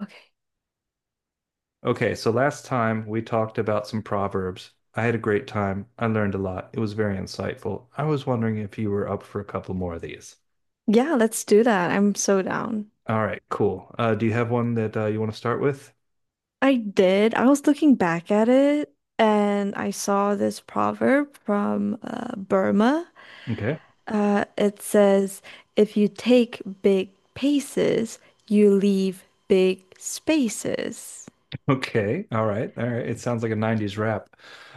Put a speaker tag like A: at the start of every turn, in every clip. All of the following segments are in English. A: Okay.
B: Okay, so last time we talked about some proverbs. I had a great time. I learned a lot. It was very insightful. I was wondering if you were up for a couple more of these.
A: Yeah, let's do that. I'm so down.
B: All right, cool. Do you have one that you want to start with?
A: I did. I was looking back at it and I saw this proverb from Burma.
B: Okay.
A: It says, if you take big paces, you leave big spaces.
B: Okay. All right. All right. It sounds like a 90s rap.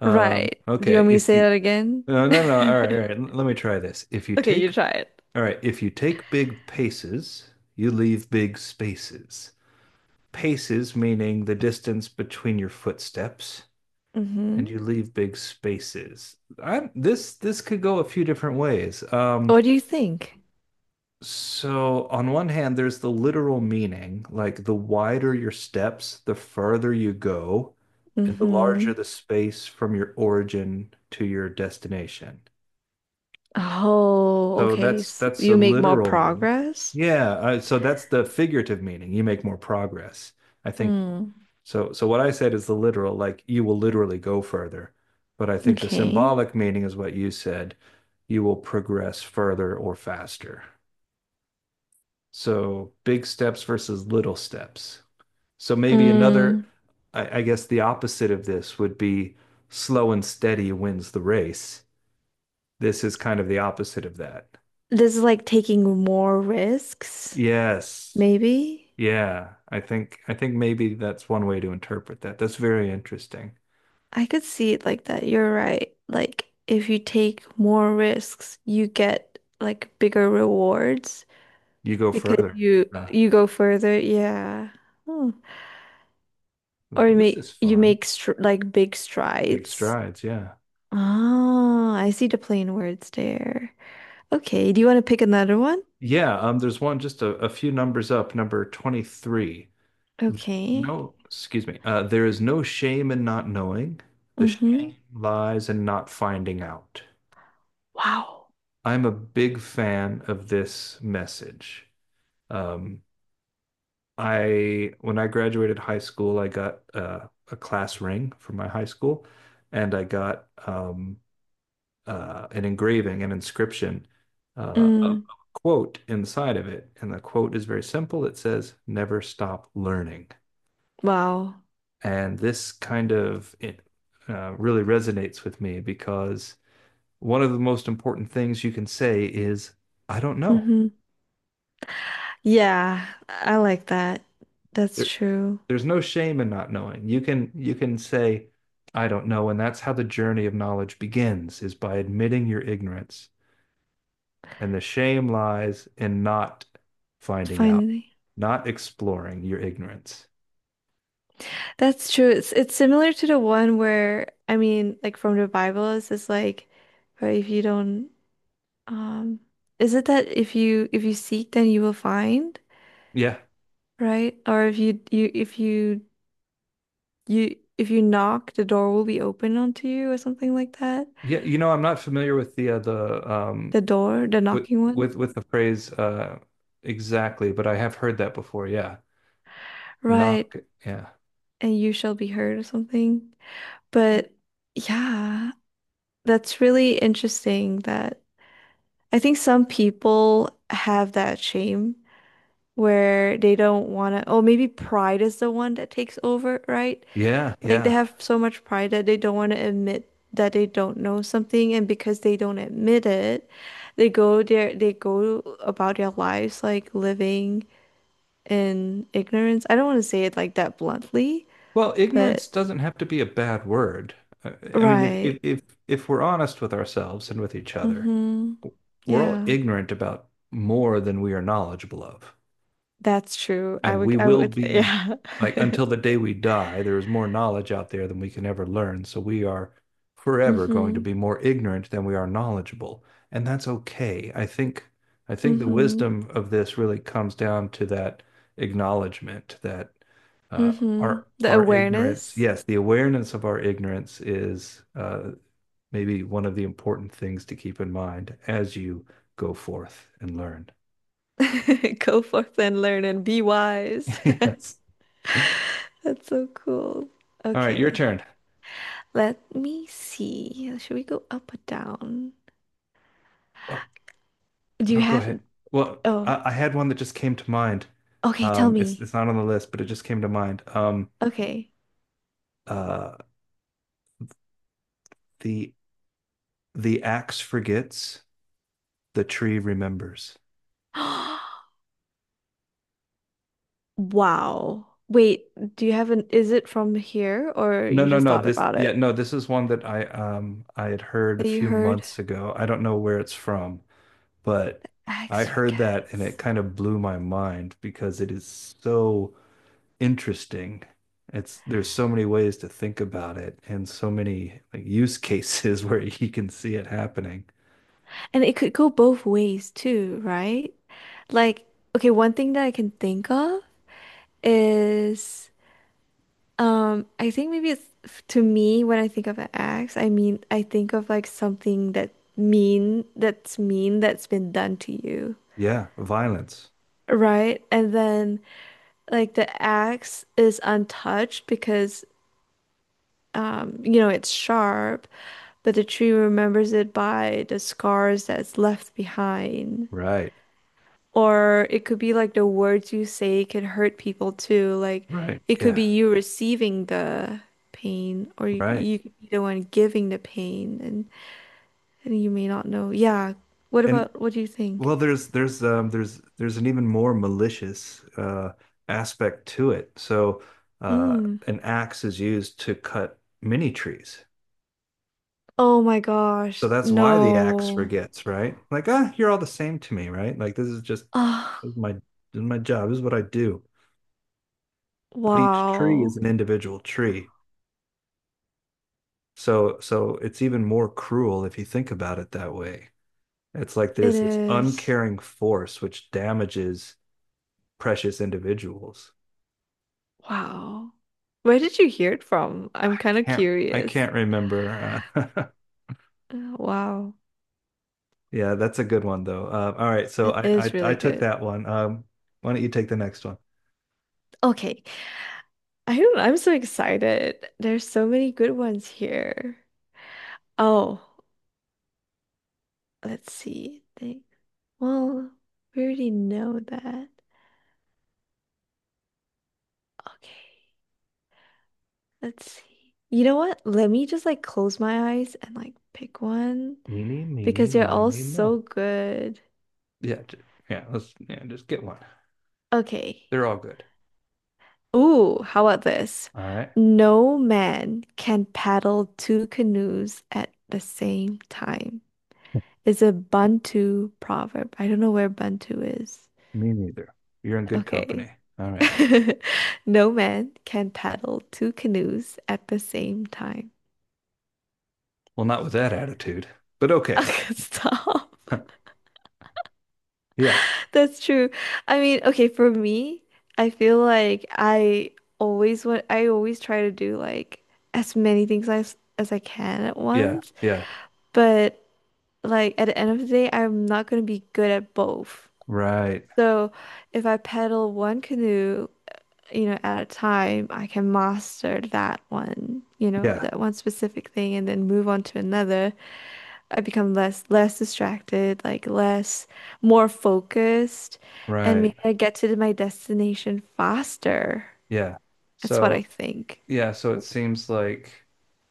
A: Right. Do you
B: Okay.
A: want me to
B: If
A: say
B: you,
A: that again?
B: no, no, no. All right. All right. L- Let me try this. If you
A: Okay, you
B: take,
A: try it.
B: all right. If you take big paces, you leave big spaces. Paces meaning the distance between your footsteps. And
A: Mm-hmm.
B: you leave big spaces. I this this could go a few different ways. Um,
A: What do you think?
B: so on one hand, there's the literal meaning, like the wider your steps, the further you go, and the
A: Mm-hmm.
B: larger the space from your origin to your destination.
A: Oh,
B: So
A: okay.
B: that's
A: So
B: that's
A: you
B: a
A: make more
B: literal meaning.
A: progress?
B: Yeah, so that's the figurative meaning. You make more progress. I think.
A: Mm.
B: So what I said is the literal, like you will literally go further. But I think the
A: Okay.
B: symbolic meaning is what you said. You will progress further or faster. So big steps versus little steps. So maybe another,
A: Mm,
B: I guess the opposite of this would be slow and steady wins the race. This is kind of the opposite of that.
A: this is like taking more risks,
B: Yes.
A: maybe.
B: Yeah. I think maybe that's one way to interpret that. That's very interesting.
A: I could see it like that. You're right. Like if you take more risks, you get like bigger rewards
B: You go
A: because
B: further.
A: you
B: Uh,
A: you go further. Yeah. Hmm. Or
B: this is
A: you
B: fun.
A: make str like big
B: Big
A: strides.
B: strides, yeah.
A: Oh, I see the plain words there. Okay, do you want to pick another one?
B: Yeah, there's one just a few numbers up, number 23.
A: Okay.
B: No, excuse me. There is no shame in not knowing. The
A: Mm-hmm.
B: shame lies in not finding out.
A: Wow.
B: I'm a big fan of this message. Um, I when I graduated high school, I got a class ring from my high school, and I got an engraving, an inscription, a
A: Mm,
B: quote inside of it. And the quote is very simple. It says, "Never stop learning."
A: wow.
B: And this kind of really resonates with me because one of the most important things you can say is, "I don't know."
A: Mm-hmm. Yeah, I like that. That's
B: There,
A: true.
B: there's no shame in not knowing. You can say, "I don't know," and that's how the journey of knowledge begins, is by admitting your ignorance. And the shame lies in not finding out,
A: Finally.
B: not exploring your ignorance.
A: That's true. It's similar to the one where I mean, like from the Bible, it's just like, or if you don't, um, is it that if you seek, then you will find,
B: Yeah.
A: right? Or if you if you knock, the door will be open unto you, or something like that.
B: Yeah, you know, I'm not familiar with the
A: The door, the
B: with
A: knocking one,
B: with with the phrase exactly, but I have heard that before. Yeah.
A: right?
B: Knock. Yeah.
A: And you shall be heard, or something. But yeah, that's really interesting that. I think some people have that shame where they don't want to, oh, maybe pride is the one that takes over, right?
B: Yeah,
A: Like they
B: yeah.
A: have so much pride that they don't want to admit that they don't know something, and because they don't admit it, they go about their lives like living in ignorance. I don't want to say it like that bluntly,
B: Well, ignorance
A: but
B: doesn't have to be a bad word. Uh, I mean, if
A: right.
B: if if if we're honest with ourselves and with each other,
A: Mm-hmm.
B: we're all
A: Yeah.
B: ignorant about more than we are knowledgeable of.
A: That's true. I
B: And
A: would
B: we
A: I
B: will
A: would
B: be,
A: yeah.
B: like, until the day we die there is more knowledge out there than we can ever learn, so we are forever going to
A: Mm-hmm.
B: be more ignorant than we are knowledgeable, and that's okay. I think the
A: Mm-hmm.
B: wisdom of this really comes down to that acknowledgement that uh, our
A: The
B: our ignorance,
A: awareness.
B: yes, the awareness of our ignorance is maybe one of the important things to keep in mind as you go forth and learn.
A: Go forth and learn and be wise.
B: Yes, all
A: That's so cool.
B: right, your
A: Okay,
B: turn.
A: let me see. Should we go up or down? Do you
B: No, go
A: have?
B: ahead. Well,
A: Oh,
B: I had one that just came to mind.
A: okay, tell
B: Um, it's
A: me.
B: it's not on the list, but it just came to mind.
A: Okay.
B: Uh, the axe forgets, the tree remembers.
A: Wow. Wait, do you have an, is it from here or
B: No,
A: you
B: no,
A: just
B: no.
A: thought
B: This
A: about
B: yeah,
A: it?
B: no. This is one that I had heard a
A: That you
B: few
A: heard?
B: months ago. I don't know where it's from, but I
A: X for
B: heard that and it
A: cats.
B: kind of blew my mind because it is so interesting. It's there's so many ways to think about it and so many like use cases where you can see it happening.
A: And it could go both ways too, right? Like, okay, one thing that I can think of is I think maybe it's to me. When I think of an axe, I mean I think of like something that mean that's been done to you,
B: Yeah, violence.
A: right? And then like the axe is untouched because you know it's sharp, but the tree remembers it by the scars that's left behind.
B: Right.
A: Or it could be like the words you say could hurt people too. Like
B: Right.
A: it could
B: Yeah.
A: be you receiving the pain, or
B: Right.
A: you could be the one giving the pain, and you may not know. Yeah. What
B: And
A: about what do you think?
B: well, there's an even more malicious aspect to it. So uh
A: Mm.
B: an axe is used to cut mini trees.
A: Oh my
B: So
A: gosh.
B: that's why the axe
A: No.
B: forgets, right? Like, ah, you're all the same to me, right? Like this is just
A: Ah.
B: this is my job. This is what I do. But each tree
A: Wow.
B: is an individual tree. So it's even more cruel if you think about it that way. It's like
A: It
B: there's this
A: is.
B: uncaring force which damages precious individuals.
A: Wow. Where did you hear it from? I'm kind of
B: Can't I
A: curious.
B: can't remember.
A: Wow.
B: Yeah, that's a good one though. All right, so
A: It
B: I,
A: is
B: I I
A: really
B: took
A: good.
B: that one. Why don't you take the next one?
A: Okay. I don't, I'm so excited. There's so many good ones here. Oh, let's see. Think. Well, we already know that. Okay, let's see. You know what? Let me just like close my eyes and like pick one
B: Eeny, meeny,
A: because they're all
B: miny,
A: so
B: mo.
A: good.
B: Yeah, j- yeah. Let's yeah, just get one.
A: Okay.
B: They're all good.
A: Ooh, how about this?
B: All right.
A: No man can paddle two canoes at the same time. It's a Bantu proverb. I don't know where Bantu is.
B: Me neither. You're in good company.
A: Okay.
B: All right.
A: No man can paddle two canoes at the same time.
B: Well, not with that attitude, but okay.
A: Stop.
B: Yeah,
A: That's true. I mean, okay, for me, I feel like I always want, I always try to do like as many things as I can at
B: yeah,
A: once.
B: yeah.
A: But like at the end of the day, I'm not gonna be good at both.
B: Right.
A: So if I paddle one canoe, you know, at a time, I can master that one, you know,
B: Yeah,
A: that one specific thing and then move on to another. I become less distracted, like less more focused, and
B: right.
A: maybe I get to my destination faster.
B: Yeah.
A: That's what I
B: So,
A: think.
B: yeah, so it seems like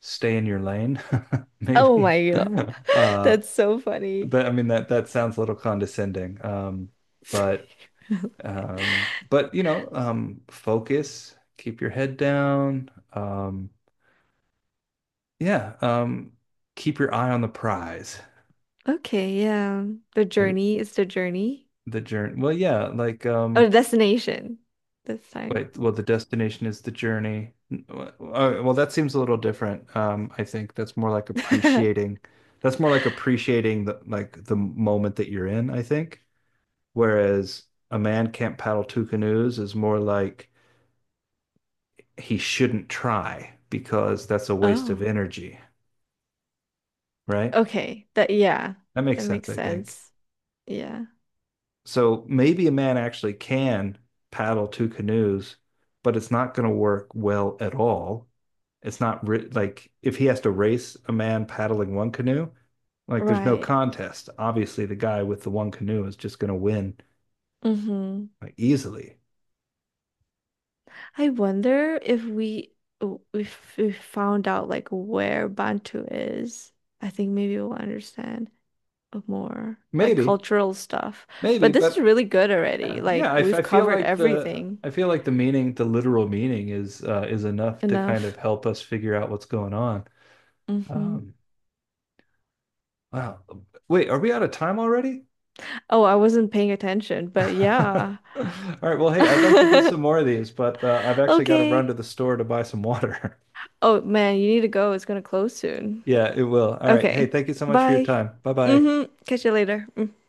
B: stay in your lane,
A: Oh
B: maybe.
A: my God.
B: Uh,
A: That's so funny.
B: but I mean that that sounds a little condescending. But but you know, focus, keep your head down. Yeah, um, keep your eye on the prize.
A: Okay, yeah. The
B: Maybe
A: journey is the journey.
B: the journey. Well, yeah, like
A: Oh,
B: um.
A: the destination this time.
B: Wait, well, the destination is the journey. N- w- Well, that seems a little different. I think that's more like appreciating. That's more like appreciating the like the moment that you're in, I think. Whereas a man can't paddle two canoes is more like he shouldn't try because that's a waste of
A: Oh,
B: energy, right?
A: okay. That yeah,
B: That makes
A: that
B: sense,
A: makes
B: I think.
A: sense. Yeah.
B: So maybe a man actually can paddle two canoes, but it's not going to work well at all. It's not ri like if he has to race a man paddling one canoe, like there's no
A: Right.
B: contest. Obviously, the guy with the one canoe is just going to win
A: Mm-hmm.
B: like, easily.
A: I wonder if if we found out like where Bantu is, I think maybe we'll understand more like
B: Maybe,
A: cultural stuff.
B: maybe,
A: But this is
B: but
A: really good already.
B: yeah,
A: Like
B: yeah. I
A: we've
B: feel
A: covered
B: like the
A: everything
B: I feel like the meaning, the literal meaning, is enough to kind of
A: enough.
B: help us figure out what's going on.
A: Mm-hmm.
B: Um, wow. Wait, are we out of time already?
A: Oh, I wasn't paying attention, but
B: All
A: yeah.
B: right. Well, hey, I'd like to do some more of these, but I've actually got to run to
A: Okay.
B: the store to buy some water.
A: Oh man, you need to go. It's gonna close soon.
B: Yeah, it will. All right. Hey,
A: Okay.
B: thank you so much for your
A: Bye.
B: time. Bye bye.
A: Mm-hmm. Catch you later. Mm-hmm.